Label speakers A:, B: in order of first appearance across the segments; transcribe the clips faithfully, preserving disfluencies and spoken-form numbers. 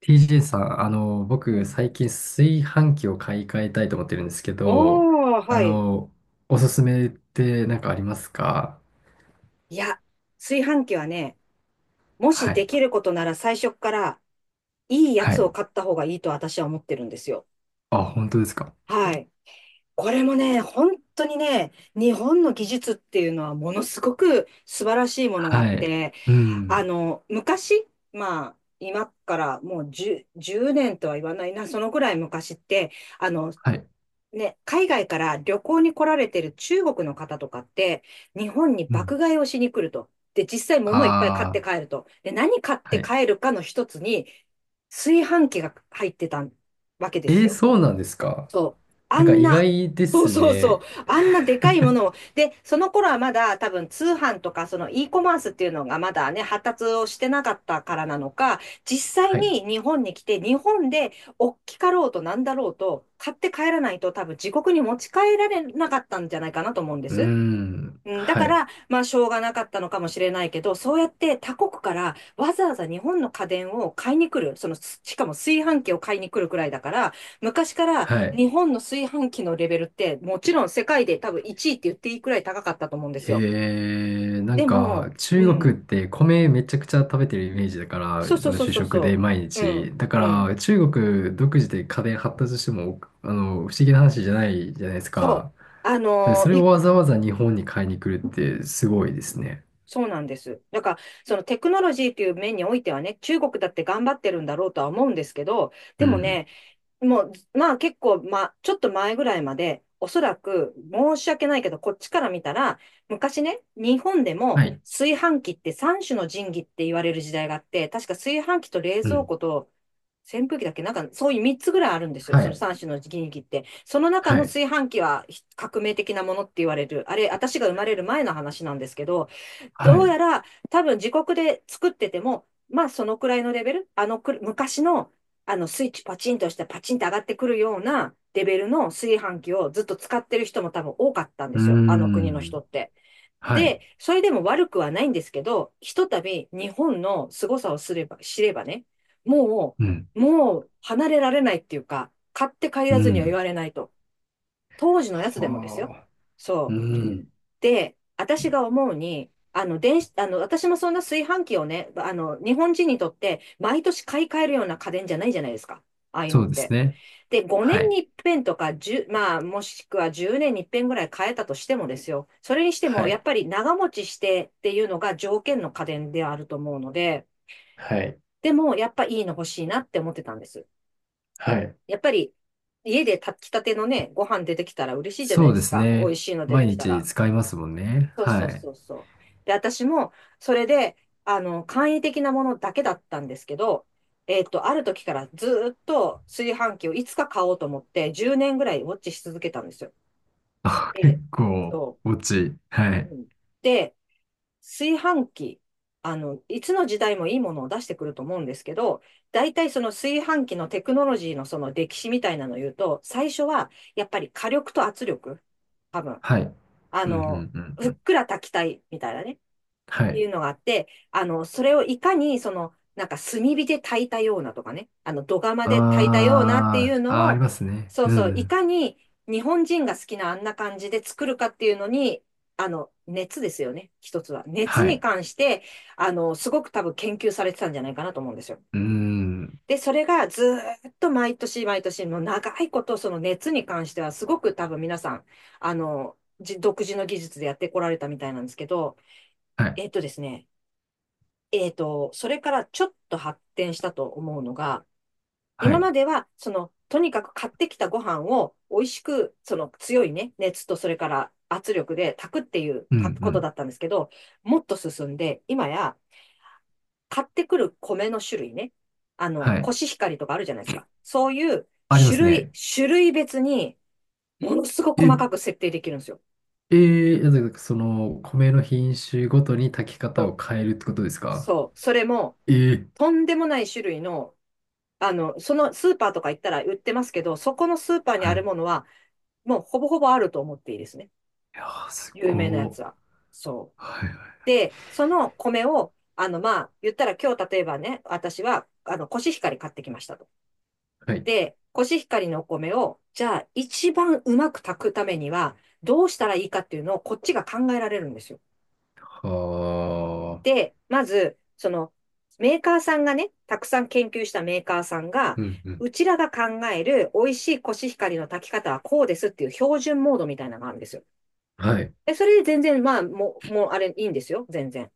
A: ティージェー さん、あの、
B: う
A: 僕、
B: ん。
A: 最近炊飯器を買い替えたいと思ってるんですけど、
B: おー、
A: あ
B: はい。
A: の、おすすめって何かありますか？
B: いや、炊飯器はね、もし
A: は
B: で
A: い。
B: きることなら最初っからいいや
A: は
B: つを
A: い。
B: 買った方がいいと私は思ってるんですよ。
A: あ、本当ですか？
B: はい。これもね、本当にね、日本の技術っていうのはものすごく素晴らしいものがあっ
A: はい。
B: て、
A: う
B: あ
A: ん。
B: の、昔、まあ、今からもうじゅう、じゅうねんとは言わないな、そのぐらい昔って、あの、
A: はい。
B: ね、海外から旅行に来られてる中国の方とかって、日本に
A: うん。
B: 爆買いをしに来ると。で、実際物いっぱい買って
A: あ
B: 帰ると。で、何買っ
A: あ、は
B: て
A: い。
B: 帰るかの一つに、炊飯器が入ってたわけです
A: えー、
B: よ。
A: そうなんですか？
B: そう。あ
A: なんか
B: ん
A: 意
B: な、
A: 外で
B: そう
A: す
B: そうそう。
A: ね。
B: あんなでかいものを。で、その頃はまだ多分通販とかその e コマースっていうのがまだね、発達をしてなかったからなのか、実際
A: はい。
B: に日本に来て、日本で大きかろうとなんだろうと、買って帰らないと多分自国に持ち帰られなかったんじゃないかなと思うんで
A: うー
B: す。
A: ん。
B: うん、だ
A: は
B: か
A: い。
B: ら、まあ、しょうがなかったのかもしれないけど、そうやって他国からわざわざ日本の家電を買いに来る、その、すしかも炊飯器を買いに来るくらいだから、昔から
A: はい。
B: 日本の炊飯器のレベルって、もちろん世界で多分いちいって言っていいくらい高かったと思うんです
A: へ
B: よ。
A: えー、なん
B: でも、
A: か
B: う
A: 中国っ
B: ん、
A: て米めちゃくちゃ食べてるイメージだから、あ
B: そうそう
A: の
B: そう
A: 主
B: そう
A: 食で
B: そ
A: 毎
B: う、う
A: 日。
B: ん、
A: だか
B: うん、
A: ら中国独自で家電発達しても、あの、不思議な話じゃないじゃないです
B: そ
A: か。
B: う、あ
A: で
B: の
A: そ
B: ー
A: れを
B: い
A: わざわざ日本に買いに来るってすごいですね。
B: そうなんです。だから、そのテクノロジーという面においてはね、中国だって頑張ってるんだろうとは思うんですけど、
A: う
B: でも
A: ん。
B: ね、もう、まあ結構、まあ、ちょっと前ぐらいまで、おそらく、申し訳ないけど、こっちから見たら、昔ね、日本で
A: は
B: も
A: い。
B: 炊飯器って三種の神器って言われる時代があって、確か炊飯器と冷
A: う
B: 蔵
A: ん。
B: 庫と扇風機だっけ、なんかそういう三つぐらいあるんですよ。
A: は
B: その
A: い。
B: 三種の神器って。その中
A: は
B: の
A: い。
B: 炊飯器はひ革命的なものって言われる。あれ、私が生まれる前の話なんですけど、
A: は
B: ど
A: い。
B: うや
A: う
B: ら多分自国で作ってても、まあそのくらいのレベル、あのく昔のあのスイッチパチンとしてパチンと上がってくるようなレベルの炊飯器をずっと使ってる人も多分多かったんで
A: ー
B: すよ、あの国の人
A: ん。
B: って。
A: はい。
B: で、それでも悪くはないんですけど、ひとたび日本の凄さをすれば、知ればね、も
A: うん。
B: う、もう離れられないっていうか、買って帰
A: う
B: らずには言
A: ん。
B: われないと。当時のやつでもですよ。
A: はあ。う
B: そう。
A: ん。
B: で、私が思うに、あの、電子、あの、私もそんな炊飯器をね、あの、日本人にとって毎年買い替えるような家電じゃないじゃないですか。ああいう
A: そ
B: のっ
A: うです
B: て。
A: ね。
B: で、5
A: は
B: 年
A: い。
B: に一遍とか、いちまあ、もしくはじゅうねんに一遍ぐらい変えたとしてもですよ。それにして
A: は
B: も、や
A: い。
B: っぱり長持ちしてっていうのが条件の家電であると思うので、
A: はい。
B: でも、やっぱいいの欲しいなって思ってたんです。
A: はい。
B: やっぱり、家で炊きたてのね、ご飯出てきたら嬉しいじゃな
A: そ
B: い
A: う
B: で
A: で
B: す
A: す
B: か。美味
A: ね。
B: しいの出て
A: 毎
B: きた
A: 日
B: ら。
A: 使いますもんね。
B: そう
A: は
B: そう
A: い。
B: そうそう。で、私も、それで、あの、簡易的なものだけだったんですけど、えっと、ある時からずーっと炊飯器をいつか買おうと思って、じゅうねんぐらいウォッチし続けたんですよ。
A: あ、
B: え
A: 結
B: え、
A: 構、
B: そ
A: 落ち。は
B: う。
A: い。
B: うんで、炊飯器、あの、いつの時代もいいものを出してくると思うんですけど、大体その炊飯器のテクノロジーのその歴史みたいなのを言うと、最初はやっぱり火力と圧力、多分、
A: はい。
B: あ
A: うん、う
B: の、
A: ん、うん、う
B: ふっ
A: ん。
B: くら炊きたいみたいなね。
A: は
B: い
A: い。
B: うのがあって、あの、それをいかに、その、なんか炭火で炊いたようなとかね、あの、土釜
A: あ
B: で炊いたようなっていう
A: ー、あー、
B: の
A: あり
B: を、
A: ますね。
B: そう
A: う
B: そう、い
A: ん。
B: かに日本人が好きなあんな感じで作るかっていうのに、あの、熱ですよね、一つは。熱
A: は
B: に
A: い。
B: 関して、あの、すごく多分研究されてたんじゃないかなと思うんですよ。
A: うん。
B: で、それがずーっと毎年毎年、もう長いこと、その熱に関しては、すごく多分皆さん、あの、じ独自の技術でやってこられたみたいなんですけど、
A: はい。
B: えっとですね、えっと、それからちょっと発展したと思うのが、
A: は
B: 今
A: い。
B: までは、その、とにかく買ってきたご飯を美味しく、その強いね、熱とそれから圧力で炊くっていう
A: うん、
B: か
A: う
B: ことだ
A: ん。
B: ったんですけど、もっと進んで、今や買ってくる米の種類ね、あの、
A: は
B: コ
A: い。
B: シヒカリとかあるじゃないですか。そういう
A: ありま
B: 種
A: す
B: 類、
A: ね。
B: 種類別にものすごく細
A: え、
B: かく設定できるんですよ。
A: えー、なんかその、米の品種ごとに炊き
B: そ
A: 方
B: う、
A: を変えるってことですか？
B: そうそれも、
A: えー、
B: とんでもない種類のあの、そのスーパーとか行ったら売ってますけど、そこのスーパーに
A: は
B: あ
A: い。い
B: るものは、もうほぼほぼあると思っていいですね。
A: やー、す
B: 有
A: ご
B: 名なや
A: ー。
B: つは。そう。
A: はい、は
B: で、その米を、あの、まあ、言ったら今日例えばね、私は、あの、コシヒカリ買ってきましたと。
A: い。はい。
B: で、コシヒカリのお米を、じゃあ、一番うまく炊くためには、どうしたらいいかっていうのを、こっちが考えられるんですよ。
A: はー。
B: で、まず、その、メーカーさんがね、たくさん研究したメーカーさんが、
A: うん、うん。
B: うちらが考える美味しいコシヒカリの炊き方はこうですっていう標準モードみたいなのがあるんですよ。
A: はい。
B: で、それで全然、まあ、もう、もうあれいいんですよ。全然。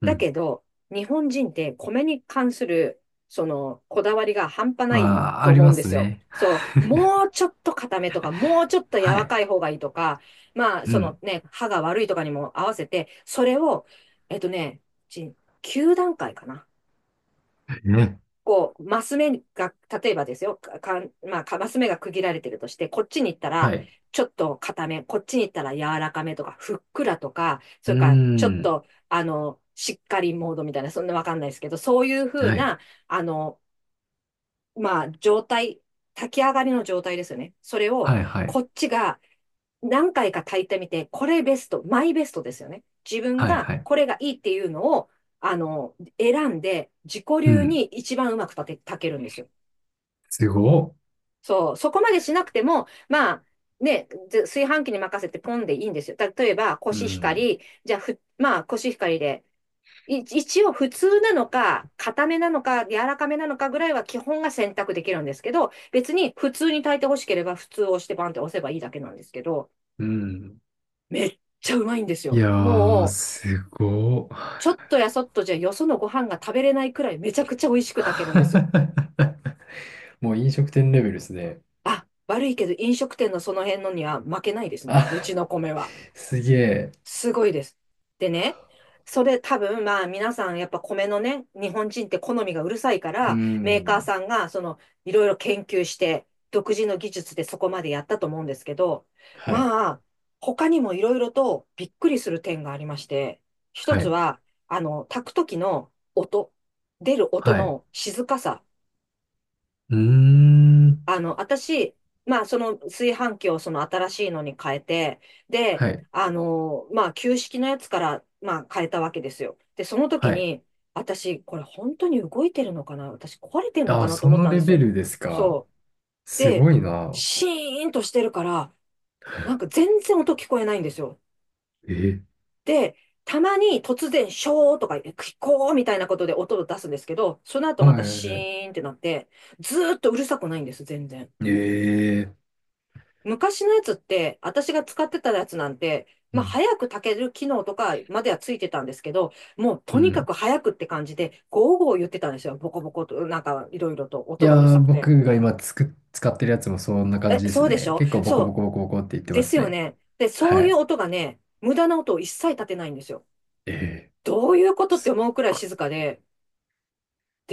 A: う
B: だ
A: ん。
B: けど、日本人って米に関する、その、こだわりが半端ない
A: まあ、
B: と
A: あり
B: 思う
A: ま
B: んで
A: す
B: すよ。
A: ね。
B: そう、もうちょっと固めとか、もうちょっと柔
A: は
B: ら
A: い。
B: かい方がいいとか、まあ、
A: う
B: そ
A: ん。
B: のね、歯が悪いとかにも合わせて、それを、えっとね、いちきゅうだんかい段階かな。
A: ね。
B: こう、マス目が、例えばですよ、か、かんまあ、かマス目が区切られてるとして、こっちに行ったら、
A: はい。
B: ちょっと硬め、こっちに行ったら柔らかめとか、ふっくらとか、
A: う
B: そ
A: ー
B: れからちょっ
A: ん。
B: と、あの、しっかりモードみたいな、そんなわかんないですけど、そういうふう
A: はい。
B: な、あの、まあ、状態、炊き上がりの状態ですよね。それを、
A: はい、は
B: こ
A: い。
B: っちが何回か炊いてみて、これベスト、マイベストですよね。自分
A: はい、
B: が
A: はい。
B: これがいいっていうのを、あの、選んで、自己
A: う
B: 流
A: ん。
B: に一番うまく炊け、炊けるんですよ。
A: すごっ。
B: そう、そこまでしなくても、まあ、ね、ず炊飯器に任せてポンでいいんですよ。た例えば、コ
A: う
B: シヒカ
A: ん。
B: リ、じゃあ、ふ、まあ、コシヒカリで、い一応普通なのか、硬めなのか、柔らかめなのかぐらいは基本が選択できるんですけど、別に普通に炊いて欲しければ普通を押してバンって押せばいいだけなんですけど、
A: うん。
B: めっちゃうまいんです
A: い
B: よ。
A: やー、
B: もう、
A: すごっ。
B: ちょっとやそっとじゃよそのご飯が食べれないくらいめちゃくちゃ美味しく炊けるんです。
A: もう飲食店レベルですね。
B: あ、悪いけど飲食店のその辺のには負けないですね。う
A: あ、
B: ちの米は。
A: すげえ。
B: すごいです。で、ね、それ多分、まあ皆さんやっぱ米のね、日本人って好みがうるさいか
A: うー
B: ら、メーカー
A: ん。
B: さんがそのいろいろ研究して、独自の技術でそこまでやったと思うんですけど、
A: はい。
B: まあ、他にもいろいろとびっくりする点がありまして、一
A: は
B: つ
A: い。
B: は、あの、炊く時の音、出る音
A: はい。
B: の静かさ。
A: うーん。
B: あの、私、まあ、その炊飯器をその新しいのに変えて、で、
A: はい。
B: あの、まあ、旧式のやつから、まあ、変えたわけですよ。で、その時
A: はい。
B: に、私、これ本当に動いてるのかな、私、壊れてんのか
A: あ、
B: なと
A: そ
B: 思っ
A: の
B: たん
A: レ
B: です
A: ベ
B: よ。
A: ルですか。
B: そう。
A: す
B: で、
A: ごいな。
B: シーンとしてるから、なんか全然音聞こえないんですよ。
A: え、
B: で、たまに突然、ショーとか、聞こうみたいなことで音を出すんですけど、その後
A: は
B: また
A: いはい
B: シ
A: はい。
B: ーンってなって、ずーっとうるさくないんです、全然。
A: ええ。
B: 昔のやつって、私が使ってたやつなんて、
A: う
B: まあ、
A: ん
B: 早く炊ける機能とかまではついてたんですけど、もう
A: う
B: とにか
A: ん。
B: く早くって感じで、ゴーゴー言ってたんですよ。ボコボコと、なんかいろいろと
A: い
B: 音がうる
A: や
B: さ
A: ー、
B: くて。
A: 僕が今つく、使ってるやつもそんな感
B: え、
A: じで
B: そ
A: す
B: うでし
A: ね。
B: ょ
A: 結構ボコボ
B: そ
A: コボコボコって言っ
B: う。
A: て
B: で
A: ま
B: す
A: す
B: よ
A: ね。
B: ね。で、そう
A: は
B: いう
A: い。
B: 音がね、無駄な音を一切立てないんですよ。
A: ええ。
B: どういうことって
A: すっ
B: 思うくらい
A: ご
B: 静かで、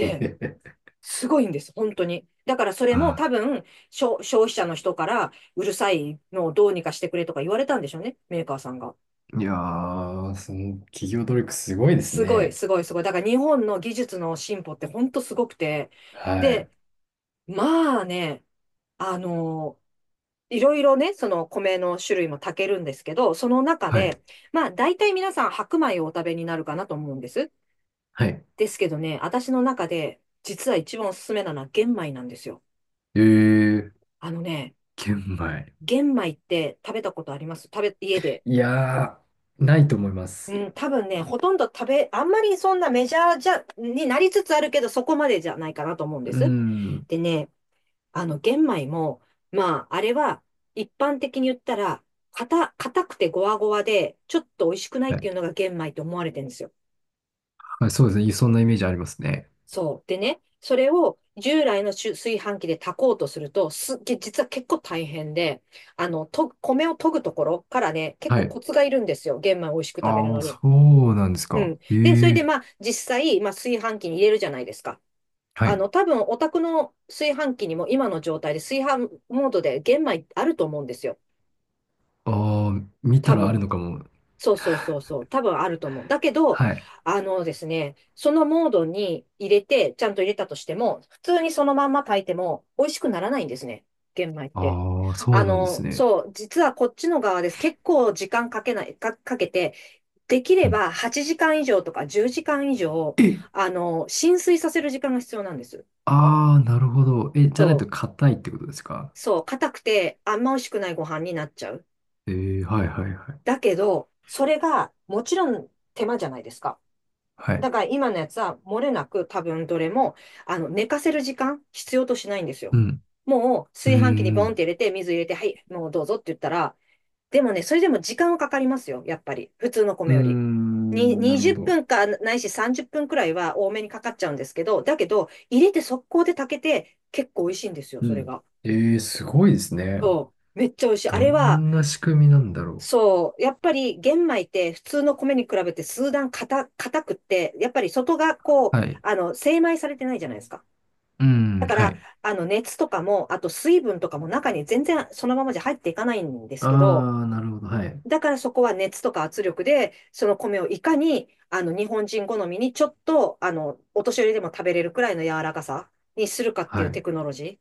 A: い。
B: すごいんです、本当に。だからそれも
A: あ。
B: 多分、消消費者の人からうるさいのをどうにかしてくれとか言われたんでしょうね、メーカーさんが。
A: いやー、その企業努力すごいです
B: すごい、
A: ね。
B: すごい、すごい。だから日本の技術の進歩って本当すごくて。
A: はい。
B: で、まあね、あの、いろいろね、その米の種類も炊けるんですけど、その中
A: はい。
B: で、まあ大体皆さん白米をお食べになるかなと思うんです。
A: はい。
B: ですけどね、私の中で実は一番おすすめなのは玄米なんですよ。
A: ええ。
B: あのね、
A: 玄米。
B: 玄米って食べたことあります食べ、家で。
A: いやー、ないと思います。
B: うん、多分ね、ほとんど食べ、あんまりそんなメジャーじゃ、になりつつあるけど、そこまでじゃないかなと思うんで
A: う
B: す。
A: ん。
B: でね、あの、玄米も、まあ、あれは、一般的に言ったら、硬、硬くてゴワゴワで、ちょっと美味しくない
A: は
B: って
A: い。
B: いうのが玄米と思われてるんですよ。
A: はい、そうですね。そんなイメージありますね。
B: そう。でね、それを従来の炊炊飯器で炊こうとすると、すっげ、実は結構大変で、あの、と、米を研ぐところからね、結
A: は
B: 構
A: い。
B: コツがいるんですよ。玄米を美味しく食べる
A: ああ、
B: の
A: そ
B: に。
A: うなんです
B: う
A: か。
B: ん。
A: え
B: で、それで
A: え。
B: まあ、実際、まあ、炊飯器に入れるじゃないですか。
A: は
B: あ
A: い。
B: の、多分、お宅の炊飯器にも今の状態で炊飯モードで玄米あると思うんですよ。
A: ああ、見た
B: 多
A: らある
B: 分。
A: のかも。
B: そうそうそうそう。多分あると思う。だけど、
A: はい。
B: あのですね、そのモードに入れて、ちゃんと入れたとしても、普通にそのまんま炊いても美味しくならないんですね。玄米って。
A: ああ、そ
B: あ
A: うなんです
B: の、
A: ね。
B: そう、実はこっちの側です。結構時間かけない、か、かけて、できれ
A: うん。
B: ばはちじかん以上とかじゅうじかん以上、
A: え、
B: あの、浸水させる時間が必要なんです。
A: ああ、なるほど。え、じゃな
B: そ
A: いと
B: う、
A: 硬いってことですか？
B: そう、硬くてあんま美味しくないご飯になっちゃう。
A: えー、はいはいはい。
B: だけど、それがもちろん手間じゃないですか。
A: は
B: だ
A: い。
B: から今のやつは漏れなく多分どれも、あの、寝かせる時間必要としないんですよ。
A: うん。
B: もう
A: うー
B: 炊飯器にボンっ
A: ん。
B: て入れて、水入れて、はい、もうどうぞって言ったら、でもね、それでも時間はかかりますよ、やっぱり。普通の
A: うー
B: 米より。に、
A: ん、なる
B: 20
A: ほど。
B: 分かないしさんじゅっぷんくらいは多めにかかっちゃうんですけど、だけど、入れて速攻で炊けて、結構美味しいんですよ、
A: う
B: それ
A: ん。
B: が。
A: えー、すごいですね。
B: そう。めっちゃ美味しい。あ
A: ど
B: れは、
A: んな仕組みなんだろ
B: そう、やっぱり玄米って普通の米に比べて数段硬、硬くって、やっぱり外がこう、
A: う。はい。
B: あの、精米されてないじゃないですか。
A: う
B: だ
A: ん、
B: か
A: は
B: ら、
A: い。
B: あの、熱とかも、あと水分とかも中に全然そのままじゃ入っていかないんですけど、
A: ああ、なるほど。はい。
B: だからそこは熱とか圧力で、その米をいかに、あの、日本人好みにちょっと、あの、お年寄りでも食べれるくらいの柔らかさにするかってい
A: は
B: うテ
A: い。
B: クノロジー。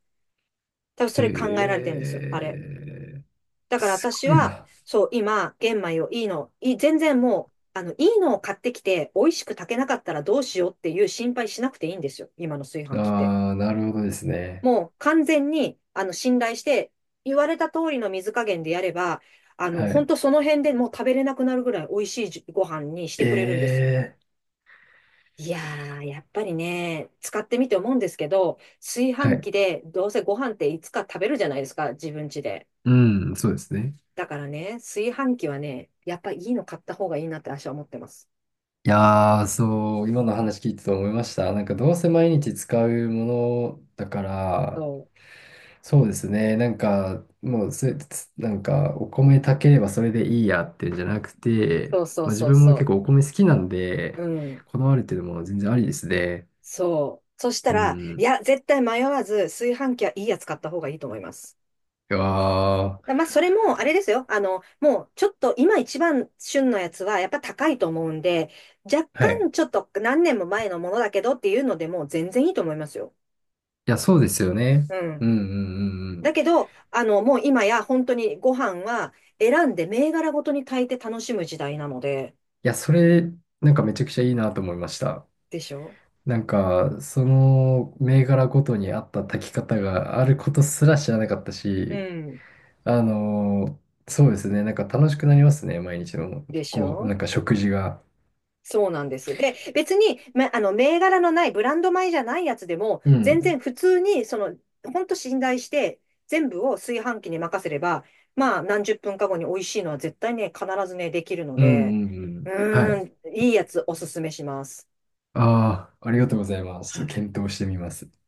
B: 多分そ
A: へ
B: れ考えられてるんです、あれ。
A: え、
B: だから
A: す
B: 私
A: ごい
B: は、
A: な。
B: そう、今、玄米をいいの、い全然もう、あの、いいのを買ってきて、美味しく炊けなかったらどうしようっていう心配しなくていいんですよ。今の炊飯器って。
A: ああ、なるほどですね。
B: もう完全に、あの、信頼して、言われた通りの水加減でやれば、あの、
A: は
B: 本
A: い。
B: 当その辺でもう食べれなくなるぐらい美味しいじご飯にし
A: え
B: てくれるんです。
A: え、
B: いやー、やっぱりね、使ってみて思うんですけど、炊
A: は
B: 飯
A: い。
B: 器でどうせご飯っていつか食べるじゃないですか、自分家で。
A: うん、そうですね。
B: だからね、炊飯器はね、やっぱいいの買った方がいいなって私は思ってます。
A: いやー、そう、今の話聞いてて思いました。なんかどうせ毎日使うものだから、
B: そう。
A: そうですね、なんかもうせ、つなんかお米炊ければそれでいいやってんじゃなくて、
B: そうそう
A: まあ、自
B: そう
A: 分も結
B: そ
A: 構お米好きなんで、
B: う。うん。
A: こだわるっていうのも全然ありですね。
B: そう。そした
A: う
B: ら、い
A: ん。
B: や、絶対迷わず炊飯器はいいやつ買った方がいいと思います。
A: いやー、
B: だまあ、それも、あれですよ。あの、もう、ちょっと、今一番旬のやつは、やっぱ高いと思うんで、若
A: はい。
B: 干、ちょっと、何年も前のものだけどっていうのでも、全然いいと思いますよ。
A: いや、そうですよね。
B: う
A: うん
B: ん。
A: うんうんうん。い
B: だけど、あの、もう今や、本当にご飯は、選んで、銘柄ごとに炊いて楽しむ時代なので、
A: や、それ、なんかめちゃくちゃいいなと思いました。
B: でしょ
A: なんか、その銘柄ごとに合った炊き方があることすら知らなかった
B: う
A: し、
B: ん。
A: あのそうですね、なんか楽しくなりますね、毎日の
B: でし
A: こう
B: ょ
A: なんか食事が。
B: そうなんです。で、別に、ま、あの、銘柄のない、ブランド米じゃないやつでも、
A: う
B: 全
A: ん。
B: 然普通に、その、ほんと信頼して、全部を炊飯器に任せれば、まあ、何十分か後に美味しいのは絶対ね、必ずね、できるの
A: うん
B: で、
A: うんう
B: う
A: ん。は
B: ー
A: い。
B: ん、いいやつおすすめします。
A: ああ、ありがとうございま
B: は
A: す。
B: い。
A: 検討してみます。